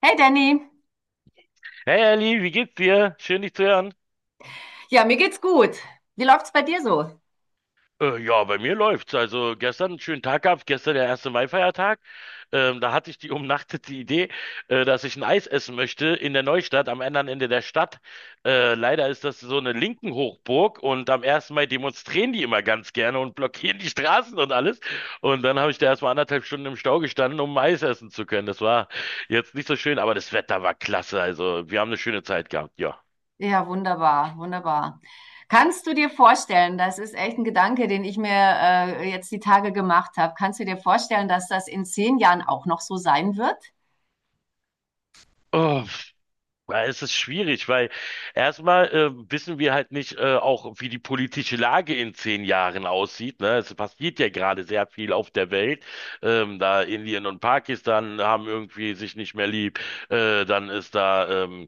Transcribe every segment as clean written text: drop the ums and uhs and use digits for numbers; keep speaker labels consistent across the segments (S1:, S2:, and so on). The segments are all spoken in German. S1: Hey Danny,
S2: Hey Ali, wie geht's dir? Schön dich zu hören.
S1: ja, mir geht's gut. Wie läuft's bei dir so?
S2: Ja, bei mir läuft's. Also gestern einen schönen Tag gehabt, gestern der erste Mai-Feiertag. Da hatte ich die umnachtete Idee, dass ich ein Eis essen möchte in der Neustadt, am anderen Ende der Stadt. Leider ist das so eine linken Hochburg und am 1. Mai demonstrieren die immer ganz gerne und blockieren die Straßen und alles. Und dann habe ich da erstmal anderthalb Stunden im Stau gestanden, um Eis essen zu können. Das war jetzt nicht so schön, aber das Wetter war klasse. Also wir haben eine schöne Zeit gehabt, ja.
S1: Ja, wunderbar, wunderbar. Kannst du dir vorstellen, das ist echt ein Gedanke, den ich mir jetzt die Tage gemacht habe. Kannst du dir vorstellen, dass das in 10 Jahren auch noch so sein wird?
S2: Oh. Ja, es ist schwierig, weil erstmal wissen wir halt nicht auch, wie die politische Lage in 10 Jahren aussieht. Ne? Es passiert ja gerade sehr viel auf der Welt. Da Indien und Pakistan haben irgendwie sich nicht mehr lieb. Dann ist da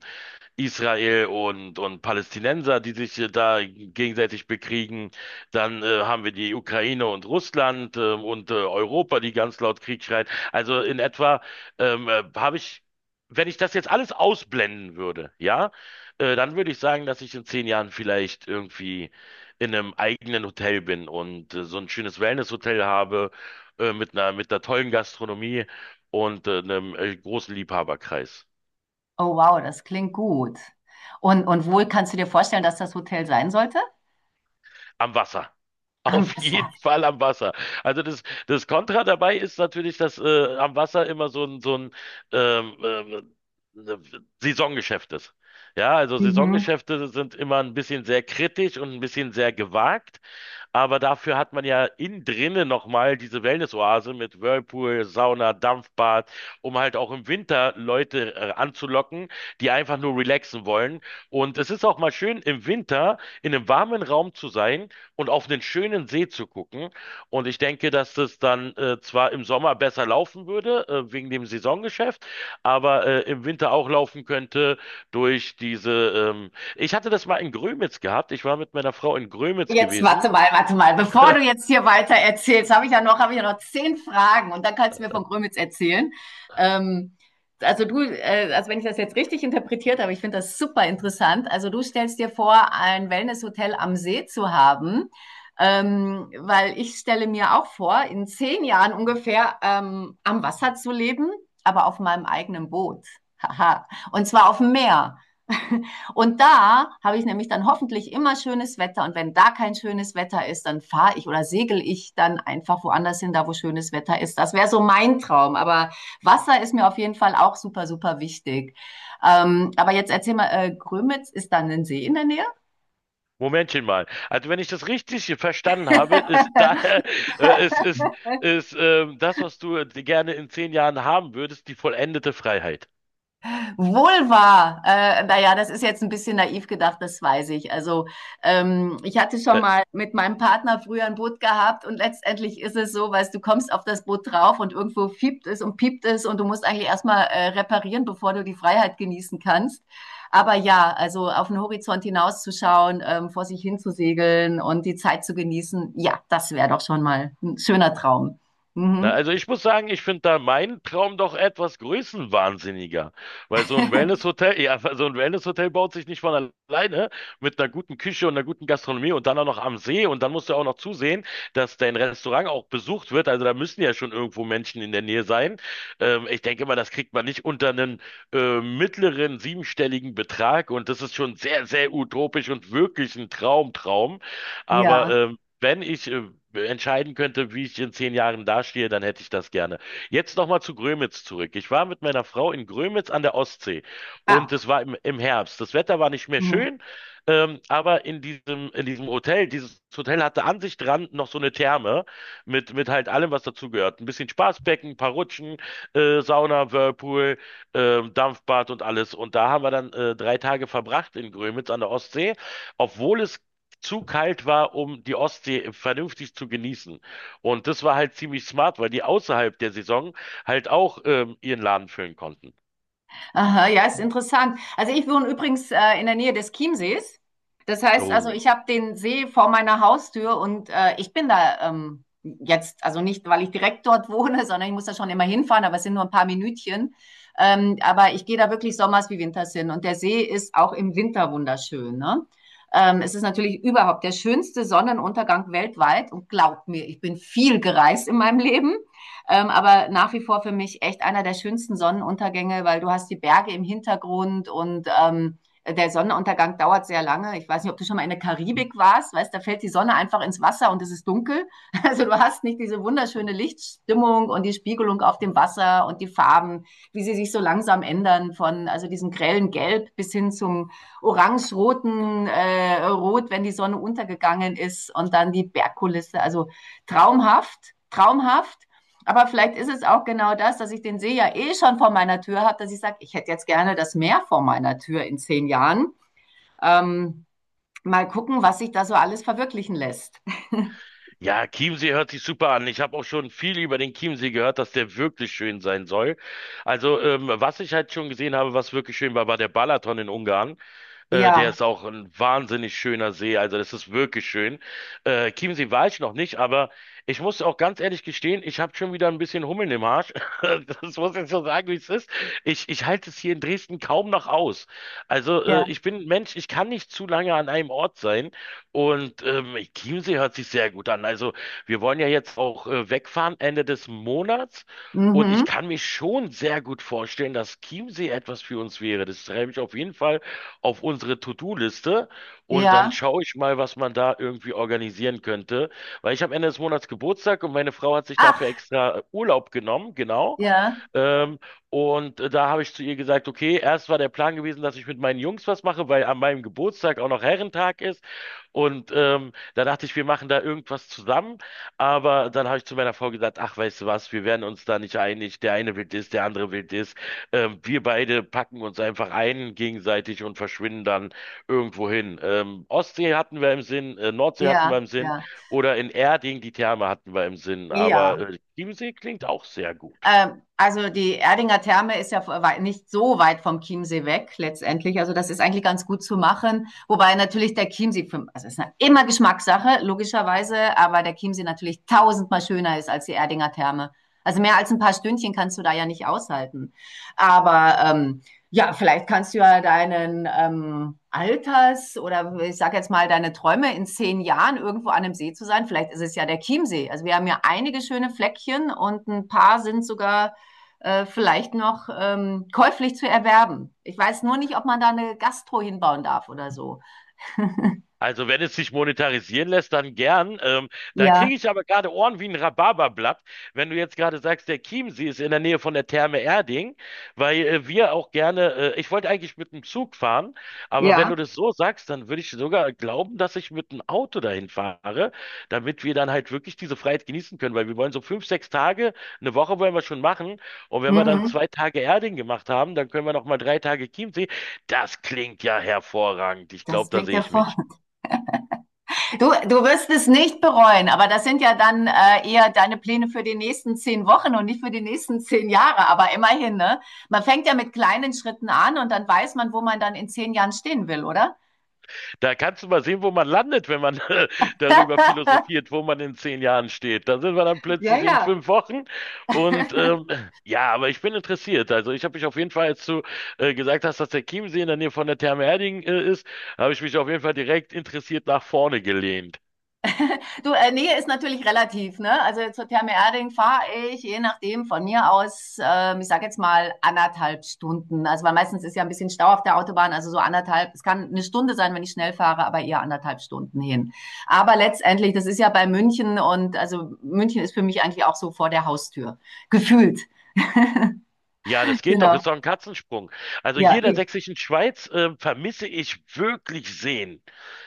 S2: Israel und Palästinenser, die sich da gegenseitig bekriegen. Dann haben wir die Ukraine und Russland und Europa, die ganz laut Krieg schreien. Also in etwa habe ich wenn ich das jetzt alles ausblenden würde, ja, dann würde ich sagen, dass ich in 10 Jahren vielleicht irgendwie in einem eigenen Hotel bin und so ein schönes Wellness-Hotel habe, mit einer tollen Gastronomie und einem großen Liebhaberkreis
S1: Oh wow, das klingt gut. Und wo kannst du dir vorstellen, dass das Hotel sein sollte?
S2: am Wasser.
S1: Am
S2: Auf
S1: Wasser.
S2: jeden Fall am Wasser. Also das Kontra dabei ist natürlich, dass am Wasser immer so ein ähm, ähm, ne- Saisongeschäft ist. Ja, also
S1: Mhm.
S2: Saisongeschäfte sind immer ein bisschen sehr kritisch und ein bisschen sehr gewagt. Aber dafür hat man ja innen drinnen nochmal diese Wellness-Oase mit Whirlpool, Sauna, Dampfbad, um halt auch im Winter Leute anzulocken, die einfach nur relaxen wollen. Und es ist auch mal schön, im Winter in einem warmen Raum zu sein und auf einen schönen See zu gucken. Und ich denke, dass das dann zwar im Sommer besser laufen würde, wegen dem Saisongeschäft, aber im Winter auch laufen könnte durch diese. Ich hatte das mal in Grömitz gehabt. Ich war mit meiner Frau in Grömitz
S1: Jetzt
S2: gewesen.
S1: warte mal, warte mal. Bevor du jetzt hier weiter erzählst, habe ich ja noch 10 Fragen und dann kannst du mir von Grömitz erzählen. Ähm, also du, also wenn ich das jetzt richtig interpretiert habe, ich finde das super interessant. Also du stellst dir vor, ein Wellnesshotel am See zu haben, weil ich stelle mir auch vor, in 10 Jahren ungefähr am Wasser zu leben, aber auf meinem eigenen Boot. Haha. Und zwar auf dem Meer. Und da habe ich nämlich dann hoffentlich immer schönes Wetter. Und wenn da kein schönes Wetter ist, dann fahre ich oder segel ich dann einfach woanders hin, da wo schönes Wetter ist. Das wäre so mein Traum. Aber Wasser ist mir auf jeden Fall auch super, super wichtig. Aber jetzt erzähl mal, Grömitz ist dann ein See in der Nähe?
S2: Momentchen mal. Also wenn ich das richtig verstanden habe, ist da äh, ist, ist, ist das, was du gerne in 10 Jahren haben würdest, die vollendete Freiheit.
S1: Wohl Vulva, naja, das ist jetzt ein bisschen naiv gedacht, das weiß ich. Also ich hatte schon
S2: Äh,
S1: mal mit meinem Partner früher ein Boot gehabt und letztendlich ist es so, weißt du, kommst auf das Boot drauf und irgendwo fiebt es und piept es und du musst eigentlich erstmal reparieren, bevor du die Freiheit genießen kannst. Aber ja, also auf den Horizont hinauszuschauen, vor sich hin zu segeln und die Zeit zu genießen, ja, das wäre doch schon mal ein schöner Traum.
S2: Na,
S1: Mhm.
S2: also ich muss sagen, ich finde da meinen Traum doch etwas größenwahnsinniger, weil so ein Wellnesshotel, ja, so ein Wellnesshotel baut sich nicht von alleine mit einer guten Küche und einer guten Gastronomie und dann auch noch am See und dann musst du auch noch zusehen, dass dein Restaurant auch besucht wird. Also da müssen ja schon irgendwo Menschen in der Nähe sein. Ich denke mal, das kriegt man nicht unter einen mittleren siebenstelligen Betrag und das ist schon sehr, sehr utopisch und wirklich ein Traumtraum. Aber
S1: Ja.
S2: wenn ich entscheiden könnte, wie ich in 10 Jahren dastehe, dann hätte ich das gerne. Jetzt nochmal zu Grömitz zurück. Ich war mit meiner Frau in Grömitz an der Ostsee und
S1: Ah.
S2: es war im Herbst. Das Wetter war nicht mehr
S1: Mhm.
S2: schön, aber in diesem Hotel, dieses Hotel hatte an sich dran noch so eine Therme mit halt allem, was dazugehört. Ein bisschen Spaßbecken, ein paar Rutschen, Sauna, Whirlpool, Dampfbad und alles. Und da haben wir dann 3 Tage verbracht in Grömitz an der Ostsee, obwohl es zu kalt war, um die Ostsee vernünftig zu genießen. Und das war halt ziemlich smart, weil die außerhalb der Saison halt auch ihren Laden füllen konnten.
S1: Aha, ja, ist interessant. Also ich wohne übrigens in der Nähe des Chiemsees. Das heißt also,
S2: Oh.
S1: ich habe den See vor meiner Haustür und ich bin da jetzt, also nicht, weil ich direkt dort wohne, sondern ich muss da schon immer hinfahren, aber es sind nur ein paar Minütchen. Aber ich gehe da wirklich sommers wie winters hin und der See ist auch im Winter wunderschön. Ne? Es ist natürlich überhaupt der schönste Sonnenuntergang weltweit und glaubt mir, ich bin viel gereist in meinem Leben. Aber nach wie vor für mich echt einer der schönsten Sonnenuntergänge, weil du hast die Berge im Hintergrund und der Sonnenuntergang dauert sehr lange. Ich weiß nicht, ob du schon mal in der Karibik warst, weißt, da fällt die Sonne einfach ins Wasser und es ist dunkel. Also du hast nicht diese wunderschöne Lichtstimmung und die Spiegelung auf dem Wasser und die Farben, wie sie sich so langsam ändern von also diesem grellen Gelb bis hin zum orange-roten Rot, wenn die Sonne untergegangen ist und dann die Bergkulisse. Also traumhaft, traumhaft. Aber vielleicht ist es auch genau das, dass ich den See ja eh schon vor meiner Tür habe, dass ich sage, ich hätte jetzt gerne das Meer vor meiner Tür in 10 Jahren. Ähm, Mal gucken, was sich da so alles verwirklichen lässt.
S2: Ja, Chiemsee hört sich super an. Ich habe auch schon viel über den Chiemsee gehört, dass der wirklich schön sein soll. Also, was ich halt schon gesehen habe, was wirklich schön war, war der Balaton in Ungarn. Der
S1: Ja,
S2: ist auch ein wahnsinnig schöner See. Also das ist wirklich schön. Chiemsee war ich noch nicht, aber ich muss auch ganz ehrlich gestehen, ich habe schon wieder ein bisschen Hummeln im Arsch. Das muss ich so sagen, wie es ist. Ich halte es hier in Dresden kaum noch aus. Also
S1: ja,
S2: ich bin ein Mensch, ich kann nicht zu lange an einem Ort sein. Und Chiemsee hört sich sehr gut an. Also wir wollen ja jetzt auch wegfahren Ende des Monats. Und ich
S1: mhm,
S2: kann mir schon sehr gut vorstellen, dass Chiemsee etwas für uns wäre. Das treibe ich auf jeden Fall auf unsere To-Do-Liste und dann
S1: ja.
S2: schaue ich mal, was man da irgendwie organisieren könnte. Weil ich habe Ende des Monats Geburtstag und meine Frau hat sich dafür
S1: Ach,
S2: extra Urlaub genommen, genau.
S1: ja,
S2: Ähm, und da habe ich zu ihr gesagt, okay, erst war der Plan gewesen, dass ich mit meinen Jungs was mache, weil an meinem Geburtstag auch noch Herrentag ist. Und da dachte ich, wir machen da irgendwas zusammen. Aber dann habe ich zu meiner Frau gesagt, ach, weißt du was, wir werden uns da nicht einig. Der eine will das, der andere will das. Wir beide packen uns einfach ein gegenseitig und verschwinden dann irgendwo hin. Ostsee hatten wir im Sinn, Nordsee hatten
S1: ja,
S2: wir im Sinn
S1: ja,
S2: oder in Erding die Therme hatten wir im Sinn.
S1: ja.
S2: Aber Chiemsee klingt auch sehr gut.
S1: Also die Erdinger Therme ist ja nicht so weit vom Chiemsee weg letztendlich. Also das ist eigentlich ganz gut zu machen. Wobei natürlich der Chiemsee, also es ist immer Geschmackssache, logischerweise, aber der Chiemsee natürlich tausendmal schöner ist als die Erdinger Therme. Also mehr als ein paar Stündchen kannst du da ja nicht aushalten. Aber ja, vielleicht kannst du ja deinen Alters oder ich sage jetzt mal deine Träume in 10 Jahren irgendwo an einem See zu sein. Vielleicht ist es ja der Chiemsee. Also wir haben ja einige schöne Fleckchen und ein paar sind sogar vielleicht noch käuflich zu erwerben. Ich weiß nur nicht, ob man da eine Gastro hinbauen darf oder so.
S2: Also wenn es sich monetarisieren lässt, dann gern. Da
S1: Ja,
S2: kriege ich aber gerade Ohren wie ein Rhabarberblatt, wenn du jetzt gerade sagst, der Chiemsee ist in der Nähe von der Therme Erding, weil wir auch gerne, ich wollte eigentlich mit dem Zug fahren, aber wenn
S1: ja.
S2: du das so sagst, dann würde ich sogar glauben, dass ich mit dem Auto dahin fahre, damit wir dann halt wirklich diese Freiheit genießen können, weil wir wollen so 5, 6 Tage, eine Woche wollen wir schon machen und wenn wir dann
S1: Mhm.
S2: 2 Tage Erding gemacht haben, dann können wir noch mal 3 Tage Chiemsee. Das klingt ja hervorragend. Ich
S1: Das
S2: glaube, da
S1: klingt
S2: sehe
S1: ja
S2: ich
S1: vor.
S2: mich.
S1: Du wirst es nicht bereuen, aber das sind ja dann eher deine Pläne für die nächsten 10 Wochen und nicht für die nächsten 10 Jahre. Aber immerhin, ne? Man fängt ja mit kleinen Schritten an und dann weiß man, wo man dann in 10 Jahren stehen will, oder?
S2: Da kannst du mal sehen, wo man landet, wenn man darüber philosophiert, wo man in 10 Jahren steht. Da sind wir dann
S1: Ja,
S2: plötzlich in
S1: ja.
S2: 5 Wochen. Und ja, aber ich bin interessiert. Also ich habe mich auf jeden Fall, als du gesagt hast, dass der Chiemsee in der Nähe von der Therme Erding ist, habe ich mich auf jeden Fall direkt interessiert nach vorne gelehnt.
S1: Du, Nähe ist natürlich relativ, ne? Also zur Therme Erding fahre ich, je nachdem, von mir aus, ich sage jetzt mal 1,5 Stunden. Also weil meistens ist ja ein bisschen Stau auf der Autobahn, also so anderthalb, es kann 1 Stunde sein, wenn ich schnell fahre, aber eher 1,5 Stunden hin. Aber letztendlich, das ist ja bei München und also München ist für mich eigentlich auch so vor der Haustür. Gefühlt.
S2: Ja, das geht doch,
S1: Genau.
S2: ist doch ein Katzensprung. Also
S1: Ja,
S2: hier in der
S1: eh.
S2: Sächsischen Schweiz vermisse ich wirklich Seen.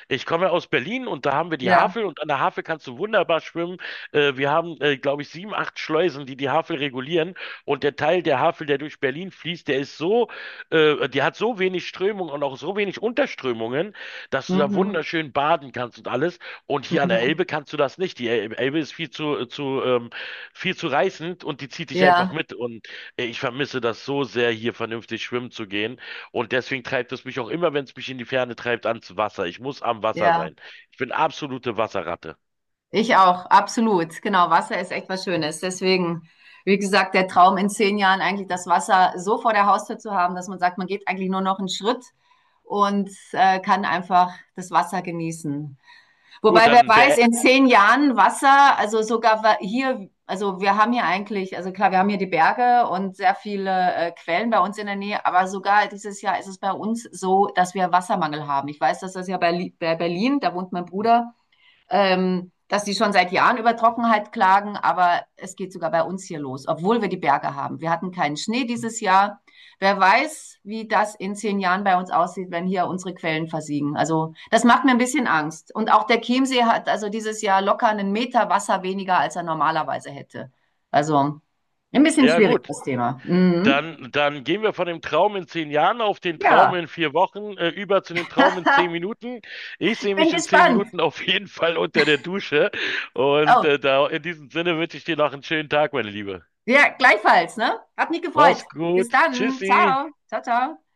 S2: Ich komme aus Berlin und da haben wir die
S1: Ja.
S2: Havel und an der Havel kannst du wunderbar schwimmen. Wir haben, glaube ich, sieben, acht Schleusen, die die Havel regulieren und der Teil der Havel, der durch Berlin fließt, der ist so, die hat so wenig Strömung und auch so wenig Unterströmungen, dass du da
S1: Mhm.
S2: wunderschön baden kannst und alles. Und
S1: Mhm.
S2: hier an der
S1: Mhm.
S2: Elbe kannst du das nicht. Die Elbe ist viel zu reißend und die zieht dich einfach
S1: Ja,
S2: mit. Und ich vermisse das so sehr, hier vernünftig schwimmen zu gehen. Und deswegen treibt es mich auch immer, wenn es mich in die Ferne treibt, ans Wasser. Ich muss am Wasser
S1: ja.
S2: sein. Ich bin absolute Wasserratte.
S1: Ich auch, absolut. Genau, Wasser ist echt was Schönes. Deswegen, wie gesagt, der Traum in 10 Jahren eigentlich das Wasser so vor der Haustür zu haben, dass man sagt, man geht eigentlich nur noch einen Schritt und kann einfach das Wasser genießen.
S2: Gut,
S1: Wobei, wer
S2: dann
S1: weiß,
S2: be
S1: in zehn Jahren Wasser, also sogar hier, also wir haben hier eigentlich, also klar, wir haben hier die Berge und sehr viele Quellen bei uns in der Nähe, aber sogar dieses Jahr ist es bei uns so, dass wir Wassermangel haben. Ich weiß, dass das ja bei, bei Berlin, da wohnt mein Bruder, dass die schon seit Jahren über Trockenheit klagen, aber es geht sogar bei uns hier los, obwohl wir die Berge haben. Wir hatten keinen Schnee dieses Jahr. Wer weiß, wie das in 10 Jahren bei uns aussieht, wenn hier unsere Quellen versiegen. Also das macht mir ein bisschen Angst. Und auch der Chiemsee hat also dieses Jahr locker 1 Meter Wasser weniger, als er normalerweise hätte. Also ein bisschen
S2: ja,
S1: schwierig
S2: gut.
S1: das Thema. Mhm.
S2: Dann gehen wir von dem Traum in 10 Jahren auf den
S1: Ja,
S2: Traum in 4 Wochen, über zu dem Traum in zehn Minuten. Ich
S1: ich
S2: sehe
S1: bin
S2: mich in zehn
S1: gespannt.
S2: Minuten auf jeden Fall unter der Dusche. Und
S1: Oh,
S2: da, in diesem Sinne wünsche ich dir noch einen schönen Tag, meine Liebe.
S1: ja, gleichfalls, ne? Hat mich gefreut.
S2: Mach's
S1: Bis
S2: gut.
S1: dann.
S2: Tschüssi.
S1: Ciao. Ciao, ciao.